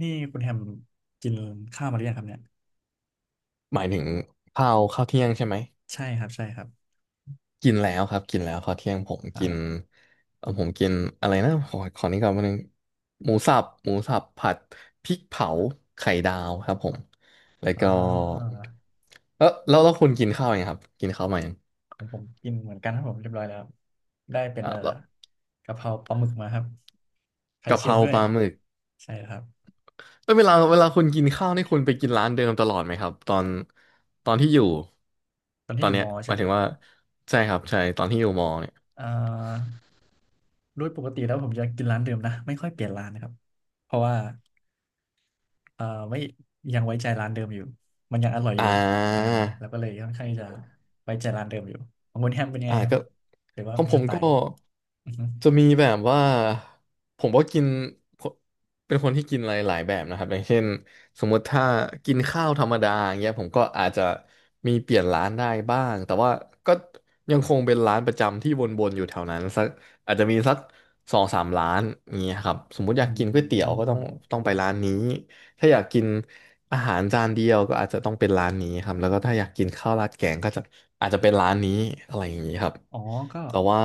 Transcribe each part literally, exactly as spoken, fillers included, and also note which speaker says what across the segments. Speaker 1: นี่คุณแฮมกินข้าวมาหรือยังครับเนี่ย
Speaker 2: หมายถึงข้าวข้าวเที่ยงใช่ไหม
Speaker 1: ใช่ครับใช่ครับ
Speaker 2: กินแล้วครับกินแล้วข้าวเที่ยงผมกิน
Speaker 1: อ่า
Speaker 2: เออผมกินอะไรนะขอขอนี้ก่อนวันนึงหมูสับหมูสับผัดพริกเผาไข่ดาวครับผมแล้ว
Speaker 1: อ่
Speaker 2: ก็
Speaker 1: า
Speaker 2: เออแล้วแล้วคุณกินข้าวยังครับกินข้าวมายัง
Speaker 1: ของผมกินเหมือนกันครับผมเรียบร้อยแล้วได้เป็น
Speaker 2: อ่ะ
Speaker 1: เอ่อ
Speaker 2: แล้ว
Speaker 1: กะเพราปลาหมึกมาครับไข่
Speaker 2: กะเพ
Speaker 1: เค็ม
Speaker 2: รา
Speaker 1: ด้ว
Speaker 2: ป
Speaker 1: ย
Speaker 2: ลาหมึก
Speaker 1: ใช่ครับ
Speaker 2: แล้วเวลาเวลาคุณกินข้าวนี่คุณไปกินร้านเดิมตลอดไหมครับตอนตอนที่อยู่
Speaker 1: ตอน
Speaker 2: ตอ
Speaker 1: ที่อ
Speaker 2: น
Speaker 1: ยู่
Speaker 2: เนี้
Speaker 1: ม
Speaker 2: ย
Speaker 1: อ
Speaker 2: ห
Speaker 1: ใช่
Speaker 2: มา
Speaker 1: ไห
Speaker 2: ย
Speaker 1: ม
Speaker 2: ถึ
Speaker 1: ค
Speaker 2: ง
Speaker 1: รับ
Speaker 2: ว่าใช่ครับใช่ตอนที่อยู่มอเนี่ย
Speaker 1: อ่าโดยปกติแล้วผมจะกินร้านเดิมนะไม่ค่อยเปลี่ยนร้านนะครับเพราะว่าเอ่อไม่ยังไว้ใจร้านเดิมอยู่มันยังอร่อย
Speaker 2: อ่
Speaker 1: อยู่อ่า
Speaker 2: า
Speaker 1: แล้วก็เลยค่อนข้างที่จะไว้ใจร้านเดิมอยู่ของคุณแฮมเป็นยังไง
Speaker 2: อ่า
Speaker 1: ครับ
Speaker 2: ก็
Speaker 1: หรือว่า
Speaker 2: ของ
Speaker 1: เป็น
Speaker 2: ผ
Speaker 1: ส
Speaker 2: ม
Speaker 1: ไต
Speaker 2: ก็
Speaker 1: ล์
Speaker 2: จะมีแบบว่าผมก็กินเป็นคนที่กินอะไรหลายแบบนะครับอย่างเช่นสมมติถ้ากินข้าวธรรมดาอย่างเงี้ยผมก็อาจจะมีเปลี่ยนร้านได้บ้างแต่ว่าก็ยังคงเป็นร้านประจำที่วนๆอยู่แถวนั้นสักอาจจะมีสักสองสามร้านอย่างเงี้ยครับสมมติอ
Speaker 1: อื
Speaker 2: ยากกินก๋วยเตี๋ยวก็ต้อง
Speaker 1: ม
Speaker 2: ต้องไปร้านนี้ถ้าอยากกิน อาหารจานเดียวก็อาจจะต้องเป็นร้านนี้ครับแล้วก็ถ้าอยากกินข้าวราดแกงก็จะอาจจะเป็นร้านนี้อะไรอย่างนี้ครับ
Speaker 1: อ๋อก็
Speaker 2: แต่ว่า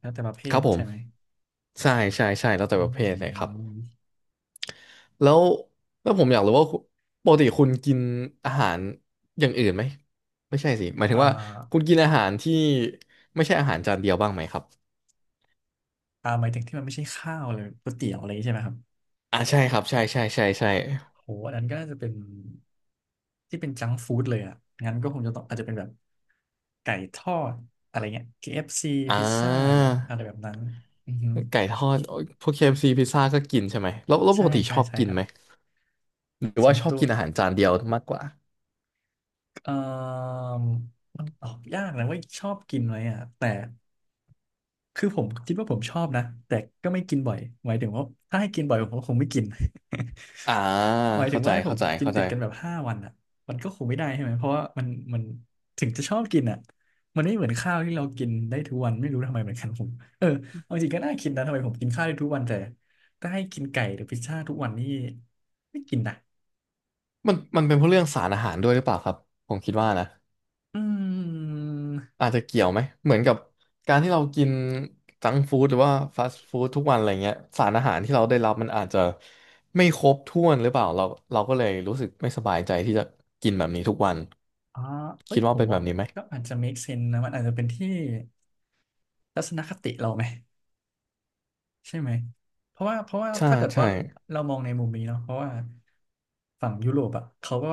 Speaker 1: แล้วแต่ประเภ
Speaker 2: ครั
Speaker 1: ท
Speaker 2: บผม
Speaker 1: ใช่ไหม
Speaker 2: ใช่ใช่ใช่แล้วแต่
Speaker 1: อื
Speaker 2: ประเภทเลยครับ
Speaker 1: ม
Speaker 2: แล้วแล้วผมอยากรู้ว่าคุณปกติคุณกินอาหารอย่างอื่นไหมไม่ใช่สิหมายถึ
Speaker 1: อ่
Speaker 2: งว่าคุ
Speaker 1: า
Speaker 2: ณกินอาหารที่ไม่ใช่อาหารจานเดียวบ้างไหมครับ
Speaker 1: อ่าหมายถึงที่มันไม่ใช่ข้าวเลยก๋วยเตี๋ยวอะไรอย่างงี้ใช่ไหมครับ
Speaker 2: อ่าใช่ครับใช่ใช่ใช่ใช่
Speaker 1: โหอันนั้นก็น่าจะเป็นที่เป็นจังฟู้ดเลยอ่ะ งั้นก็คงจะต้องอาจจะเป็นแบบไก่ทอดอะไรเงี้ย เค เอฟ ซี
Speaker 2: อ่
Speaker 1: พิซซ่า
Speaker 2: า
Speaker 1: อะไรแบบนั้นอือฮึ
Speaker 2: ไก่ทอดโอ๊ยพวกเคเอฟซีพิซซ่าก็กินใช่ไหมแล้วแล้วป
Speaker 1: ใช่
Speaker 2: กติช
Speaker 1: ใช่
Speaker 2: อบ
Speaker 1: ใช่
Speaker 2: กิน
Speaker 1: ครับ
Speaker 2: ไหม หรือ
Speaker 1: ส่
Speaker 2: ว่า
Speaker 1: วน
Speaker 2: ชอบ
Speaker 1: ตัว
Speaker 2: กินอาหารจานเดียวมากกว่า
Speaker 1: เอ่อมันตอบยากนะว่าชอบกินไหมอ่ะ แต่ คือผมคิดว่าผมชอบนะแต่ก็ไม่กินบ่อยหมายถึงว่าถ้าให้กินบ่อยผมก็คงไม่กิน
Speaker 2: อ่า
Speaker 1: หมายถึ
Speaker 2: เข้า
Speaker 1: ง
Speaker 2: ใจ
Speaker 1: ว่าให้ผ
Speaker 2: เข้า
Speaker 1: ม
Speaker 2: ใจ
Speaker 1: กิน
Speaker 2: เข้าใจ
Speaker 1: ติดกันแบบห้าวันอ่ะมันก็คงไม่ได้ใช่ไหมเพราะว่ามันมันถึงจะชอบกินอ่ะมันไม่เหมือนข้าวที่เรากินได้ทุกวันไม่รู้ทำไมเหมือนกันผมเออเอาจริงก็น่าคิดนะทำไมผมกินข้าวได้ทุกวันแต่ถ้าให้กินไก่หรือพิซซ่าทุกวันนี่ไม่กินนะ
Speaker 2: มันมันเป็นเพราะเรื่องสารอาหารด้วยหรือเปล่าครับผมคิดว่านะ
Speaker 1: อืม
Speaker 2: อาจจะเกี่ยวไหมเหมือนกับการที่เรากินจังก์ฟู้ดหรือว่าฟาสต์ฟู้ดทุกวันอะไรเงี้ยสารอาหารที่เราได้รับมันอาจจะไม่ครบถ้วนหรือเปล่าเราเราก็เลยรู้สึกไม่สบายใจที่จะกินแบบนี้ทุกวัน
Speaker 1: อ๋อเอ้
Speaker 2: คิ
Speaker 1: ย
Speaker 2: ด
Speaker 1: ผ
Speaker 2: ว่า
Speaker 1: ม
Speaker 2: เป็นแบ
Speaker 1: ว่า
Speaker 2: บนี้ไหม
Speaker 1: ก็อาจจะ make sense นะมันอาจจะเป็นที่ทัศนคติเราไหม ใช่ไหมเพราะว่าเพราะว่า
Speaker 2: ใช่
Speaker 1: ถ้าเกิด
Speaker 2: ใช่
Speaker 1: ว่าเรามองในมุมนี้เนาะเพราะว่าฝั่งยุโรปอ่ะเขาก็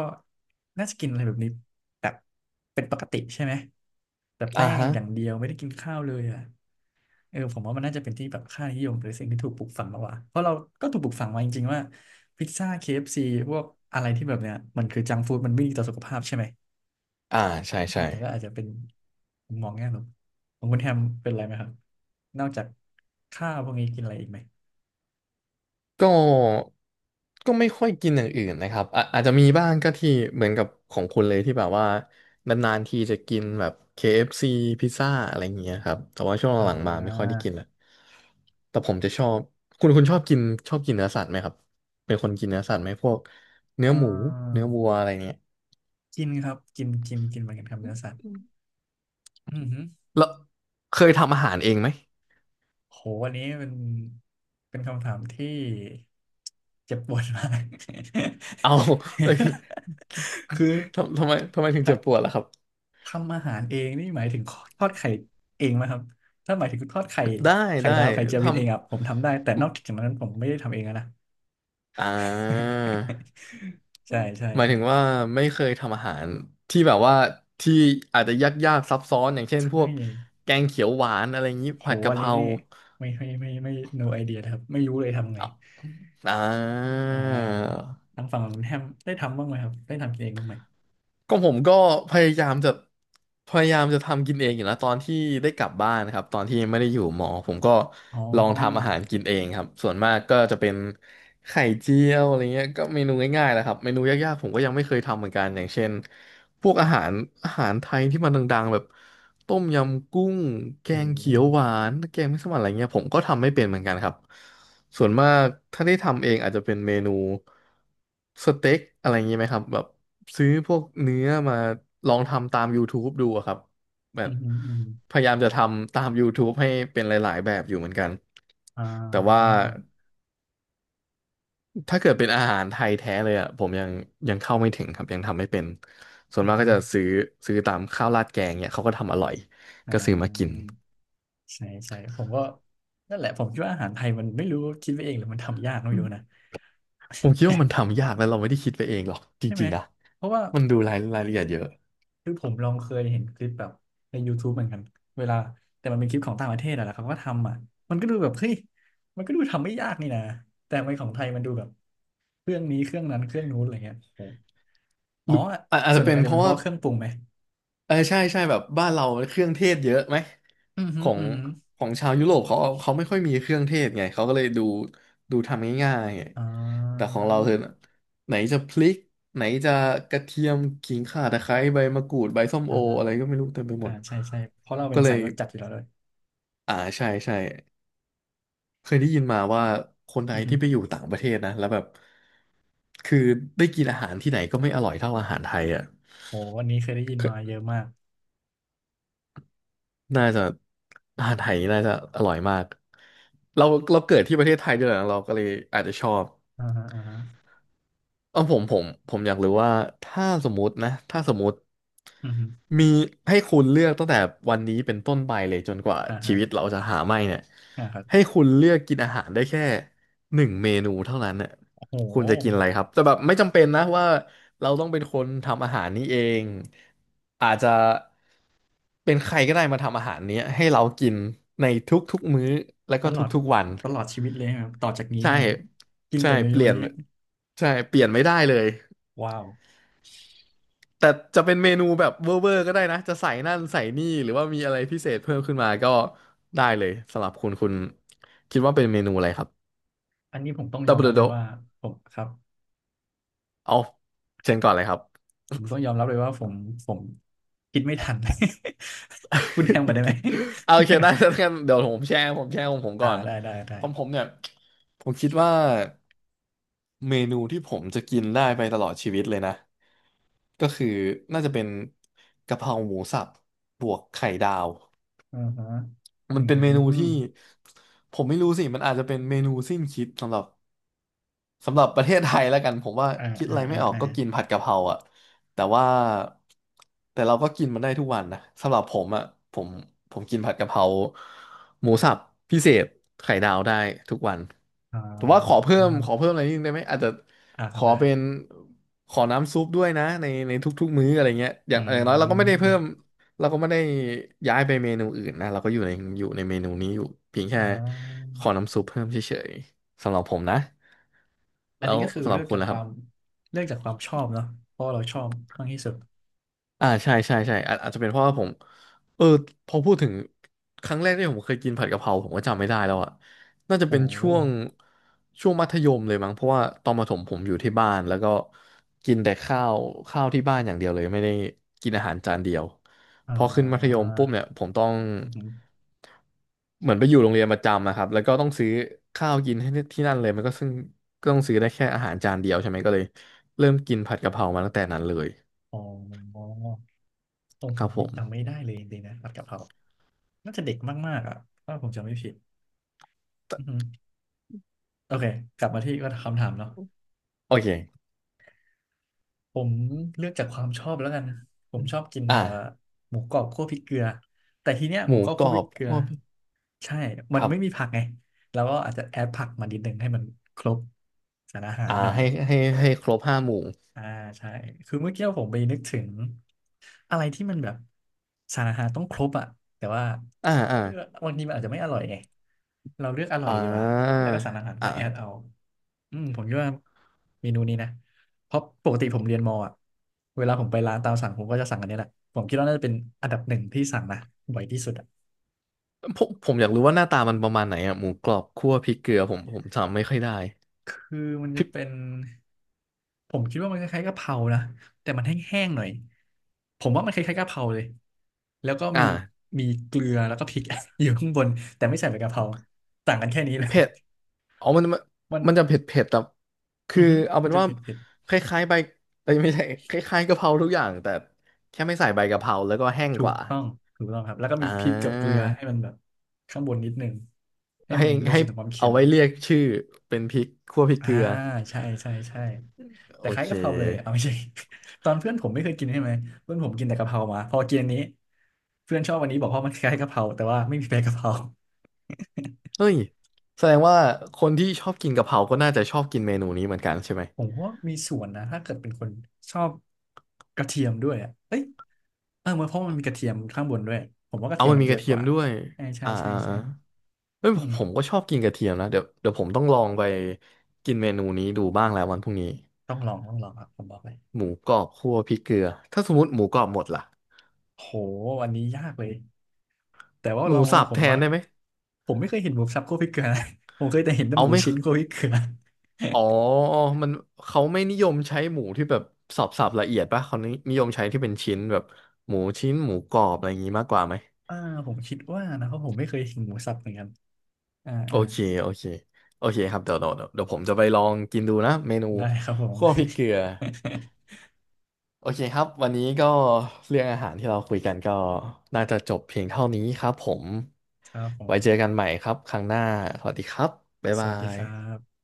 Speaker 1: น่าจะกินอะไรแบบนี้แบบเป็นปกติใช่ไหมแต่
Speaker 2: อ่า
Speaker 1: แป้ง
Speaker 2: ฮะ
Speaker 1: อย่างเดียวไม่ได้กินข้าวเลยอ่ะเออผมว่ามันน่าจะเป็นที่แบบค่านิยมหรือสิ่งที่ถูกปลูกฝังมากกว่าเพราะเราก็ถูกปลูกฝังมาจริงๆว่าพิซซ่า k ซีพวกอะไรที่แบบเนี้ยมันคือจังฟู้ดมันไม่ดีต่อสุขภาพใช่ไหม
Speaker 2: อ่าใช่
Speaker 1: อื
Speaker 2: ใช่
Speaker 1: มแล้วก็อาจจะเป็นมุมมองแง่ลบของคุณแฮมเป็นอะไรไหมครับนอกจากข้าวพวกนี้กินอะไรอีกไหม
Speaker 2: ก็ก็ไม่ค่อยกินอย่างอื่นนะครับอะอาจจะมีบ้างก็ที่เหมือนกับของคุณเลยที่แบบว่านานๆทีจะกินแบบ เค เอฟ ซี พิซซ่าอะไรอย่างเงี้ยครับแต่ว่าช่วง
Speaker 1: อ่
Speaker 2: หลังๆมาไม่ค่อยได้
Speaker 1: า
Speaker 2: กินละแต่ผมจะชอบคุณคุณชอบกินชอบกินเนื้อสัตว์ไหมครับเป็นคนกินเนื้อสัตว์ไหมพวกเนื้
Speaker 1: เ
Speaker 2: อหมู
Speaker 1: ออ
Speaker 2: เนื้อวัวอะไรเงี้ย
Speaker 1: กินครับกินกินกินเหมือนกันครับเนื้อสัตว์อือหือ
Speaker 2: แล้วเคยทำอาหารเองไหม
Speaker 1: โหวันนี้เป็นเป็นคำถามที่เจ็บปวดมาก
Speaker 2: เอาเอ้ย
Speaker 1: คือ
Speaker 2: ทำทำไมทำไมถึงเจ็บ
Speaker 1: ท
Speaker 2: ปวดล่ะครับ
Speaker 1: ำทำอาหารเองนี่หมายถึงทอดไข่เองไหมครับถ้าหมายถึงทอดไข่
Speaker 2: ได้
Speaker 1: ไข่
Speaker 2: ได้
Speaker 1: ดาวไข่เจียววิ
Speaker 2: ทำ
Speaker 1: นเองอ่ะผมทำได้แต่นอกจากนั้นผมไม่ได้ทำเองอะนะ
Speaker 2: อ่า
Speaker 1: ใช่ใช่
Speaker 2: หมาย
Speaker 1: ใช่
Speaker 2: ถึงว่าไม่เคยทำอาหารที่แบบว่าที่อาจจะยากๆซับซ้อนอย่างเช่นพ
Speaker 1: ใช่
Speaker 2: วกแกงเขียวหวานอะไรอย่างนี้
Speaker 1: โห
Speaker 2: ผัดกะ
Speaker 1: อัน
Speaker 2: เพ
Speaker 1: นี้
Speaker 2: รา
Speaker 1: เนี่ยไม่ไม่ไม่ไม่ no idea นะครับไม่รู้เลยทำไง
Speaker 2: อ่า
Speaker 1: อ่าทางฝั่งของคุณแฮมได้ทำบ้างไหมครับได้ทำกินเองบ้างไหม
Speaker 2: ก็ผมก็พยายามจะพยายามจะทำกินเองอยู่นะตอนที่ได้กลับบ้านนะครับตอนที่ไม่ได้อยู่หมอผมก็
Speaker 1: อ๋
Speaker 2: ลองทำอาหา
Speaker 1: อ
Speaker 2: รกินเองครับส่วนมากก็จะเป็นไข่เจียวอะไรเงี้ยก็เมนูง่ายๆแหละครับเมนูยากๆผมก็ยังไม่เคยทำเหมือนกันอย่างเช่นพวกอาหารอาหารไทยที่มันดังๆแบบต้มยำกุ้งแก
Speaker 1: โ
Speaker 2: งเขียวห
Speaker 1: ห
Speaker 2: วานแกงมัสมั่นอะไรเงี้ยผมก็ทำไม่เป็นเหมือนกันครับส่วนมากถ้าได้ทำเองอาจจะเป็นเมนูสเต็กอะไรเงงี้ยไหมครับแบบ ซื้อพวกเนื้อมาลองทำตาม YouTube ดูอะครับแบ
Speaker 1: อื
Speaker 2: บ
Speaker 1: มอืมอืม
Speaker 2: พยายามจะทำตาม YouTube ให้เป็นหลายๆ แบบอยู่เหมือนกัน
Speaker 1: อ่
Speaker 2: แต่ว่า
Speaker 1: า
Speaker 2: ถ้าเกิดเป็นอาหารไทยแท้เลยอ่ะผมยังยังเข้าไม่ถึงครับยังทำไม่เป็นส่ว
Speaker 1: อื
Speaker 2: น
Speaker 1: ม
Speaker 2: มาก
Speaker 1: อ
Speaker 2: ก็
Speaker 1: ม
Speaker 2: จะซื้อซื้อตามข้าวราดแกงเนี่ยเขาก็ทำอร่อย
Speaker 1: อ่
Speaker 2: ก็ซื้อมากิน
Speaker 1: าใช่ใช่ผมก็นั่นแหละผมคิดว่าอาหารไทยมันไม่รู้คิดไปเองหรือมันทำยากไม่รู้นะ
Speaker 2: ผมคิดว่ามันทำยากแล้วเราไม่ได้คิดไปเองหรอกจ
Speaker 1: ใช่ไหม
Speaker 2: ริงๆนะ
Speaker 1: เพราะว่า
Speaker 2: มันดูรายรายละเอียดเยอะ
Speaker 1: คือผมลองเคยเห็นคลิปแบบใน YouTube เหมือนกันเวลาแต่มันเป็นคลิปของต่างประเทศอะแหล้เขาก็ทำอ่ะมันก็ดูแบบเฮ้ยมันก็ดูทำไม่ยากนี่นะแต่ทำไมของไทยมันดูแบบเครื่องนี้เครื่องนั้นเครื่องนู้นอะไรเงี้ยโอ้โห
Speaker 2: ห
Speaker 1: อ๋อ
Speaker 2: รืออาอาจ
Speaker 1: ส่ว
Speaker 2: จะ
Speaker 1: นหนึ่ง
Speaker 2: เป็น
Speaker 1: อาจ
Speaker 2: เพ
Speaker 1: จะเป็น
Speaker 2: ราะ
Speaker 1: เพ
Speaker 2: ว่า
Speaker 1: ราะว่าเครื่องปรุงไหม
Speaker 2: เออใช่ใช่แบบบ้านเราเครื่องเทศเยอะไหม
Speaker 1: อือหื
Speaker 2: ข
Speaker 1: อ
Speaker 2: อง
Speaker 1: อือหือ
Speaker 2: ของชาวยุโรปเขาเขาไม่ค่อยมีเครื่องเทศไงเขาก็เลยดูดูทำง่ายๆไง
Speaker 1: อ่
Speaker 2: แต่ข
Speaker 1: า
Speaker 2: องเราคือไหนจะพริกไหนจะกระเทียมขิงข่าตะไคร้ใบมะกรูดใบส้มโอ
Speaker 1: อ่าฮะ
Speaker 2: อะไรก็ไม่รู้เต็มไปหม
Speaker 1: อ่า
Speaker 2: ด
Speaker 1: ใช่ใช่เพราะเราเป็
Speaker 2: ก็
Speaker 1: น
Speaker 2: เล
Speaker 1: สาย
Speaker 2: ย
Speaker 1: รสจัดอยู่แล้วเลย
Speaker 2: อ่าใช่ใช่เคยได้ยินมาว่าคนไท
Speaker 1: อื
Speaker 2: ย
Speaker 1: อหื
Speaker 2: ที่
Speaker 1: อ
Speaker 2: ไปอยู่ต่างประเทศนะแล้วแบบคือได้กินอาหารที่ไหนก็ไม่อร่อยเท่าอาหารไทยอ่ะ
Speaker 1: โหวันนี้เคยได้ยินมาเยอะมาก
Speaker 2: น่าจะ อาหารไทยน่าจะอร่อยมาก เราเราเกิดที่ประเทศไทยด้วยนะเราก็เลยอาจจะชอบ
Speaker 1: อ่าฮะอ่าฮะ
Speaker 2: เออผมผมผมอยากรู้ว่าถ้าสมมตินะถ้าสมมติ
Speaker 1: อือหือ
Speaker 2: มีให้คุณเลือกตั้งแต่วันนี้เป็นต้นไปเลยจนกว่า
Speaker 1: อ่า
Speaker 2: ชี
Speaker 1: ฮะ
Speaker 2: วิตเราจะหาไม่เนี่ย
Speaker 1: อ่าครั
Speaker 2: ให้
Speaker 1: บ
Speaker 2: คุณเลือกกินอาหารได้แค่หนึ่งเมนูเท่านั้นเนี่ย
Speaker 1: โอ้โห
Speaker 2: คุณจะกินอะไรครับแต่แบบไม่จำเป็นนะว่าเราต้องเป็นคนทำอาหารนี้เองอาจจะเป็นใครก็ได้มาทำอาหารเนี้ยให้เรากินในทุกๆมื้อแล้ว
Speaker 1: ต
Speaker 2: ก็
Speaker 1: ลอด
Speaker 2: ทุกๆวัน
Speaker 1: ตลอดชีวิตเลยครับต่อจากนี้
Speaker 2: ใช่
Speaker 1: ใช่ไหมกิน
Speaker 2: ใช่
Speaker 1: แต่เม
Speaker 2: เป
Speaker 1: นู
Speaker 2: ลี่ยน
Speaker 1: นี้
Speaker 2: ใช่เปลี่ยนไม่ได้เลย
Speaker 1: ว้าว
Speaker 2: แต่จะเป็นเมนูแบบเวอร์เวอร์ก็ได้นะจะใส่นั่นใส่นี่หรือว่ามีอะไรพิเศษเพิ่มขึ้นมาก็ได้เลยสำหรับคุณคุณคิดว่าเป็นเมนูอะไรครับ
Speaker 1: อันนี้ผมต้องย
Speaker 2: ตั
Speaker 1: อ
Speaker 2: บ
Speaker 1: ม
Speaker 2: เด
Speaker 1: รับเล
Speaker 2: โด
Speaker 1: ยว่าผมครับ
Speaker 2: เอาเชิญก่อนเลยครับ
Speaker 1: ผมต้องยอมรับเลยว่าผมผมคิดไม่ทัน คุณแฮมมนได้ไหม
Speaker 2: เอาโอเคได้แล้วกันเดี๋ยวผมแชร์ผมแชร์ของผม
Speaker 1: อ่า
Speaker 2: ก่อน
Speaker 1: ได้ได้ได้
Speaker 2: ของผมเนี่ยผมคิดว่าเมนูที่ผมจะกินได้ไปตลอดชีวิตเลยนะก็คือน่าจะเป็นกะเพราหมูสับบวกไข่ดาว
Speaker 1: อ่าฮะอื
Speaker 2: มันเป็นเมนูที่
Speaker 1: ม
Speaker 2: ผมไม่รู้สิ มันอาจจะเป็นเมนูสิ้นคิดสำหรับ สำหรับประเทศไทยแล้วกันผมว่า
Speaker 1: อ่า
Speaker 2: คิด
Speaker 1: อ่า
Speaker 2: อะไรไม่
Speaker 1: อ่า
Speaker 2: ออก
Speaker 1: อ่า
Speaker 2: ก็กินผัดกะเพราอ่ะแต่ว่าแต่เราก็กินมันได้ทุกวันนะสำหรับผมอ่ะผมผมกินผัดกะเพราหมูสับพิเศษไข่ดาวได้ทุกวัน
Speaker 1: อ่
Speaker 2: แต่ว่าขอ
Speaker 1: า
Speaker 2: เพิ่มขอเพิ่มอะไรนิดนึงได้ไหมอาจจะ
Speaker 1: อ่าค
Speaker 2: ข
Speaker 1: รับ
Speaker 2: อ
Speaker 1: ได้
Speaker 2: เป็นขอน้ำซุปด้วยนะในในทุกๆมื้ออะไรเงี้ยอ
Speaker 1: อื
Speaker 2: ย่างอย่างน้อยเราก็ไม่ได้เพิ่ม
Speaker 1: ม
Speaker 2: เราก็ไม่ได้ย้ายไปเมนูอื่นนะเราก็อยู่ในอยู่ในเมนูนี้อยู่เพียงแค่
Speaker 1: อ่า
Speaker 2: ขอน้ำซุปเพิ่มเฉยๆสำหรับผมนะ
Speaker 1: อัน
Speaker 2: แล้
Speaker 1: นี้
Speaker 2: ว
Speaker 1: ก็คือ
Speaker 2: สำห
Speaker 1: เลื
Speaker 2: รับ
Speaker 1: อก
Speaker 2: คุณ
Speaker 1: จาก
Speaker 2: ล่ะ
Speaker 1: ค
Speaker 2: ครั
Speaker 1: วาม
Speaker 2: บ
Speaker 1: เลือกจากความชอบเนาะเพราะเราชอบมากที่สุด
Speaker 2: อ่าใช่ใช่ใช่อาจอาจจะเป็นเพราะว่าผมเออพอพูดถึงครั้งแรกที่ผมเคยกินผัดกะเพราผมก็จำไม่ได้แล้วอ่ะน่าจะเป็
Speaker 1: โอ้
Speaker 2: น
Speaker 1: โห
Speaker 2: ช่วงช่วงมัธยมเลยมั้งเพราะว่าตอนประถมผมอยู่ที่บ้านแล้วก็กินแต่ข้าวข้าวที่บ้านอย่างเดียวเลยไม่ได้กินอาหารจานเดียว
Speaker 1: อ่
Speaker 2: พอขึ้นมัธย
Speaker 1: า
Speaker 2: มปุ๊บเนี่ยผมต้องเหมือนไปอยู่โรงเรียนประจำนะครับแล้วก็ต้องซื้อข้าวกินให้ที่นั่นเลยมันก็ซึ่งก็ต้องซื้อได้แค่อาหารจานเดียวใช่ไหมก็เลยเริ่มกินผัดกะเพรามาตั้งแต่นั้นเลย
Speaker 1: อ๋อเออ
Speaker 2: ค
Speaker 1: ผ
Speaker 2: รั
Speaker 1: ม
Speaker 2: บผ
Speaker 1: นี่
Speaker 2: ม
Speaker 1: จำไม่ได้เลยจริงๆนะผัดกะเพราน่าจะเด็กมากๆอ่ะถ้าผมจำไม่ผิดอือฮึโอเค กลับมาที่คำถามเนาะ
Speaker 2: โอเค
Speaker 1: ผมเลือกจากความชอบแล้วกัน ผ
Speaker 2: อ
Speaker 1: ม
Speaker 2: ม
Speaker 1: ชอบกิน
Speaker 2: อ่า
Speaker 1: เอ่อหมูกรอบคั่วพริกเกลือ แต่ทีเนี้ย
Speaker 2: ห
Speaker 1: หมู
Speaker 2: มู
Speaker 1: กรอบ
Speaker 2: กร
Speaker 1: คั่ว
Speaker 2: อ
Speaker 1: พริก
Speaker 2: บ
Speaker 1: เกลือ
Speaker 2: คั่วพริก
Speaker 1: ใช่มั
Speaker 2: ค
Speaker 1: น
Speaker 2: รับ
Speaker 1: ไม่มีผักไงแล้วก็อาจจะแอดผักมานิดนึงให้มันครบสารอาหา
Speaker 2: อ่า
Speaker 1: รหน่อย
Speaker 2: ให้ให้ให้ครบห้าหมู่
Speaker 1: อ่าใช่คือเมื่อกี้ผมไปนึกถึงอะไรที่มันแบบสารอาหารต้องครบอ่ะแต่ว่า
Speaker 2: อ่าอ่า
Speaker 1: เออบางทีมันอาจจะไม่อร่อยไงเราเลือกอร่อ
Speaker 2: อ่
Speaker 1: ยดีกว่า
Speaker 2: า
Speaker 1: แล้วก็สารอาหารก็
Speaker 2: อ่า
Speaker 1: แอดเอาอืมผมคิดว่าเมนูนี้นะเพราะปกติผมเรียนมออ่ะเวลาผมไปร้านตามสั่งผมก็จะสั่งอันนี้แหละผมคิดว่าน่าจะเป็นอันดับหนึ่งที่สั่งนะบ่อยที่สุดอ่ะ
Speaker 2: ผมผมอยากรู้ว่าหน้าตามันประมาณไหนอ่ะหมูกรอบคั่วพริกเกลือผมผมจำไม่ค่อยได้
Speaker 1: คือมัน
Speaker 2: พ
Speaker 1: จะ
Speaker 2: ริก
Speaker 1: เป็น ผมคิดว่ามันคล้ายๆกะเพรานะ แต่มันแห้งๆหน่อยผมว่ามันคล้ายๆกะเพราเลยแล้วก็
Speaker 2: อ่า
Speaker 1: มีมีเกลือแล้วก็พริก อยู่ข้างบนแต่ไม่ใส่ใบกะเพราต่างกันแค่นี้เลย
Speaker 2: เผ็ดอ๋อมันมัน
Speaker 1: มัน
Speaker 2: มันจะเผ็ดเผ็ดแต่
Speaker 1: อื
Speaker 2: คือ
Speaker 1: อฮึ
Speaker 2: เอา
Speaker 1: มั
Speaker 2: เป็
Speaker 1: น
Speaker 2: น
Speaker 1: จะ
Speaker 2: ว่า
Speaker 1: เผ็ดเผ็ด
Speaker 2: คล้ายๆใบเอ้ยไม่ใช่คล้ายๆกะเพราทุกอย่างแต่แค่ไม่ใส่ใบกะเพราแล้วก็แห้ง
Speaker 1: ถู
Speaker 2: ก
Speaker 1: ก
Speaker 2: ว่า
Speaker 1: ต้องถูกต้องครับแล้วก็
Speaker 2: อ่
Speaker 1: มีพริกกับเกลื
Speaker 2: า
Speaker 1: อให้มันแบบข้างบนนิดนึงให้
Speaker 2: ให้
Speaker 1: มันรู้
Speaker 2: ให้
Speaker 1: สึกถึงความเค็
Speaker 2: เอา
Speaker 1: ม
Speaker 2: ไว้เรียกชื่อเป็นพริกคั่วพริก
Speaker 1: อ่า
Speaker 2: เกลือ
Speaker 1: ใช่ใช่ใช่
Speaker 2: โอ
Speaker 1: แต่คล้าย
Speaker 2: เค
Speaker 1: กะเพราเลยเอาไม่ใช่ ตอนเพื่อนผมไม่เคยกินใช่ไหมเพื่อนผมกินแต่กะเพรามาพอกินอันนี้เพื่อนชอบวันนี้บอกว่ามันคล้ายกะเพราแต่ว่าไม่มีใบกะเพรา
Speaker 2: เฮ้ยแสดงว่าคนที่ชอบกินกะเพราก็น่าจะชอบกินเมนูนี้เหมือนกันใช่ไหม
Speaker 1: ผมว่ามีส่วนนะถ้าเกิดเป็นคนชอบกระเทียมด้วยอ่ะเอ้ยเออเพราะมันมีกระเทียมข้างบนด้วยผมว่ากระ
Speaker 2: เอา
Speaker 1: เทียม
Speaker 2: มัน
Speaker 1: มัน
Speaker 2: มี
Speaker 1: เย
Speaker 2: กระ
Speaker 1: อะ
Speaker 2: เที
Speaker 1: ก
Speaker 2: ยม
Speaker 1: ว่า
Speaker 2: ด้วย
Speaker 1: ใช่ใช่
Speaker 2: อ่า
Speaker 1: ใช่
Speaker 2: อ่า
Speaker 1: ใช่
Speaker 2: อ่าเฮ้ย
Speaker 1: อื
Speaker 2: ผม
Speaker 1: ม
Speaker 2: ผมก็ชอบกินกระเทียมนะเดี๋ยวเดี๋ยวผมต้องลองไปกินเมนูนี้ดูบ้างแล้ววันพรุ่งนี้
Speaker 1: ต้องลองต้องลองครับผมบอกเลย
Speaker 2: หมูกรอบคั่วพริกเกลือ ถ้าสมมติหมูกรอบหมดล่ะ
Speaker 1: โหวันนี้ยากเลยแต่ว่า
Speaker 2: ห
Speaker 1: ล
Speaker 2: มู
Speaker 1: อง
Speaker 2: สั
Speaker 1: มา
Speaker 2: บ
Speaker 1: ผ
Speaker 2: แท
Speaker 1: มว่า
Speaker 2: นได้ไหม
Speaker 1: ผมไม่เคยเห็นหมูสับคั่วพริกเกลือนะ ผมเคยแต่เห็นแต่ห
Speaker 2: เอา
Speaker 1: มู
Speaker 2: ไม่
Speaker 1: ชิ้นคั่วพริกเกลือ
Speaker 2: อ๋อมันเขาไม่นิยมใช้หมูที่แบบสับสับละเอียดป่ะเขานินิยมใช้ที่เป็นชิ้นแบบหมูชิ้นหมูกรอบอะไรอย่างงี้มากกว่าไหม
Speaker 1: อ่าผมคิดว่านะเพราะผมไม่เคยเห็นหมูสับเหมือนกันอ่า
Speaker 2: โอ
Speaker 1: อ่า
Speaker 2: เค โอเค โอเคครับเดี๋ยวเดี๋ยวเดี๋ยวเดี๋ยวผมจะไปลองกินดูนะ เมนู
Speaker 1: ได้ครับผม
Speaker 2: คั่วพริกเกลือ โอเคครับ วันนี้ก็เรื่องอาหารที่เราคุยกันก็น่าจะจบเพียงเท่านี้ครับผม
Speaker 1: ครับผ
Speaker 2: ไว้
Speaker 1: ม
Speaker 2: เจอกันใหม่ครับ ครั้งหน้าสวัสดีครับ บ๊าย
Speaker 1: ส
Speaker 2: บา
Speaker 1: วัสดีครั
Speaker 2: ย
Speaker 1: บ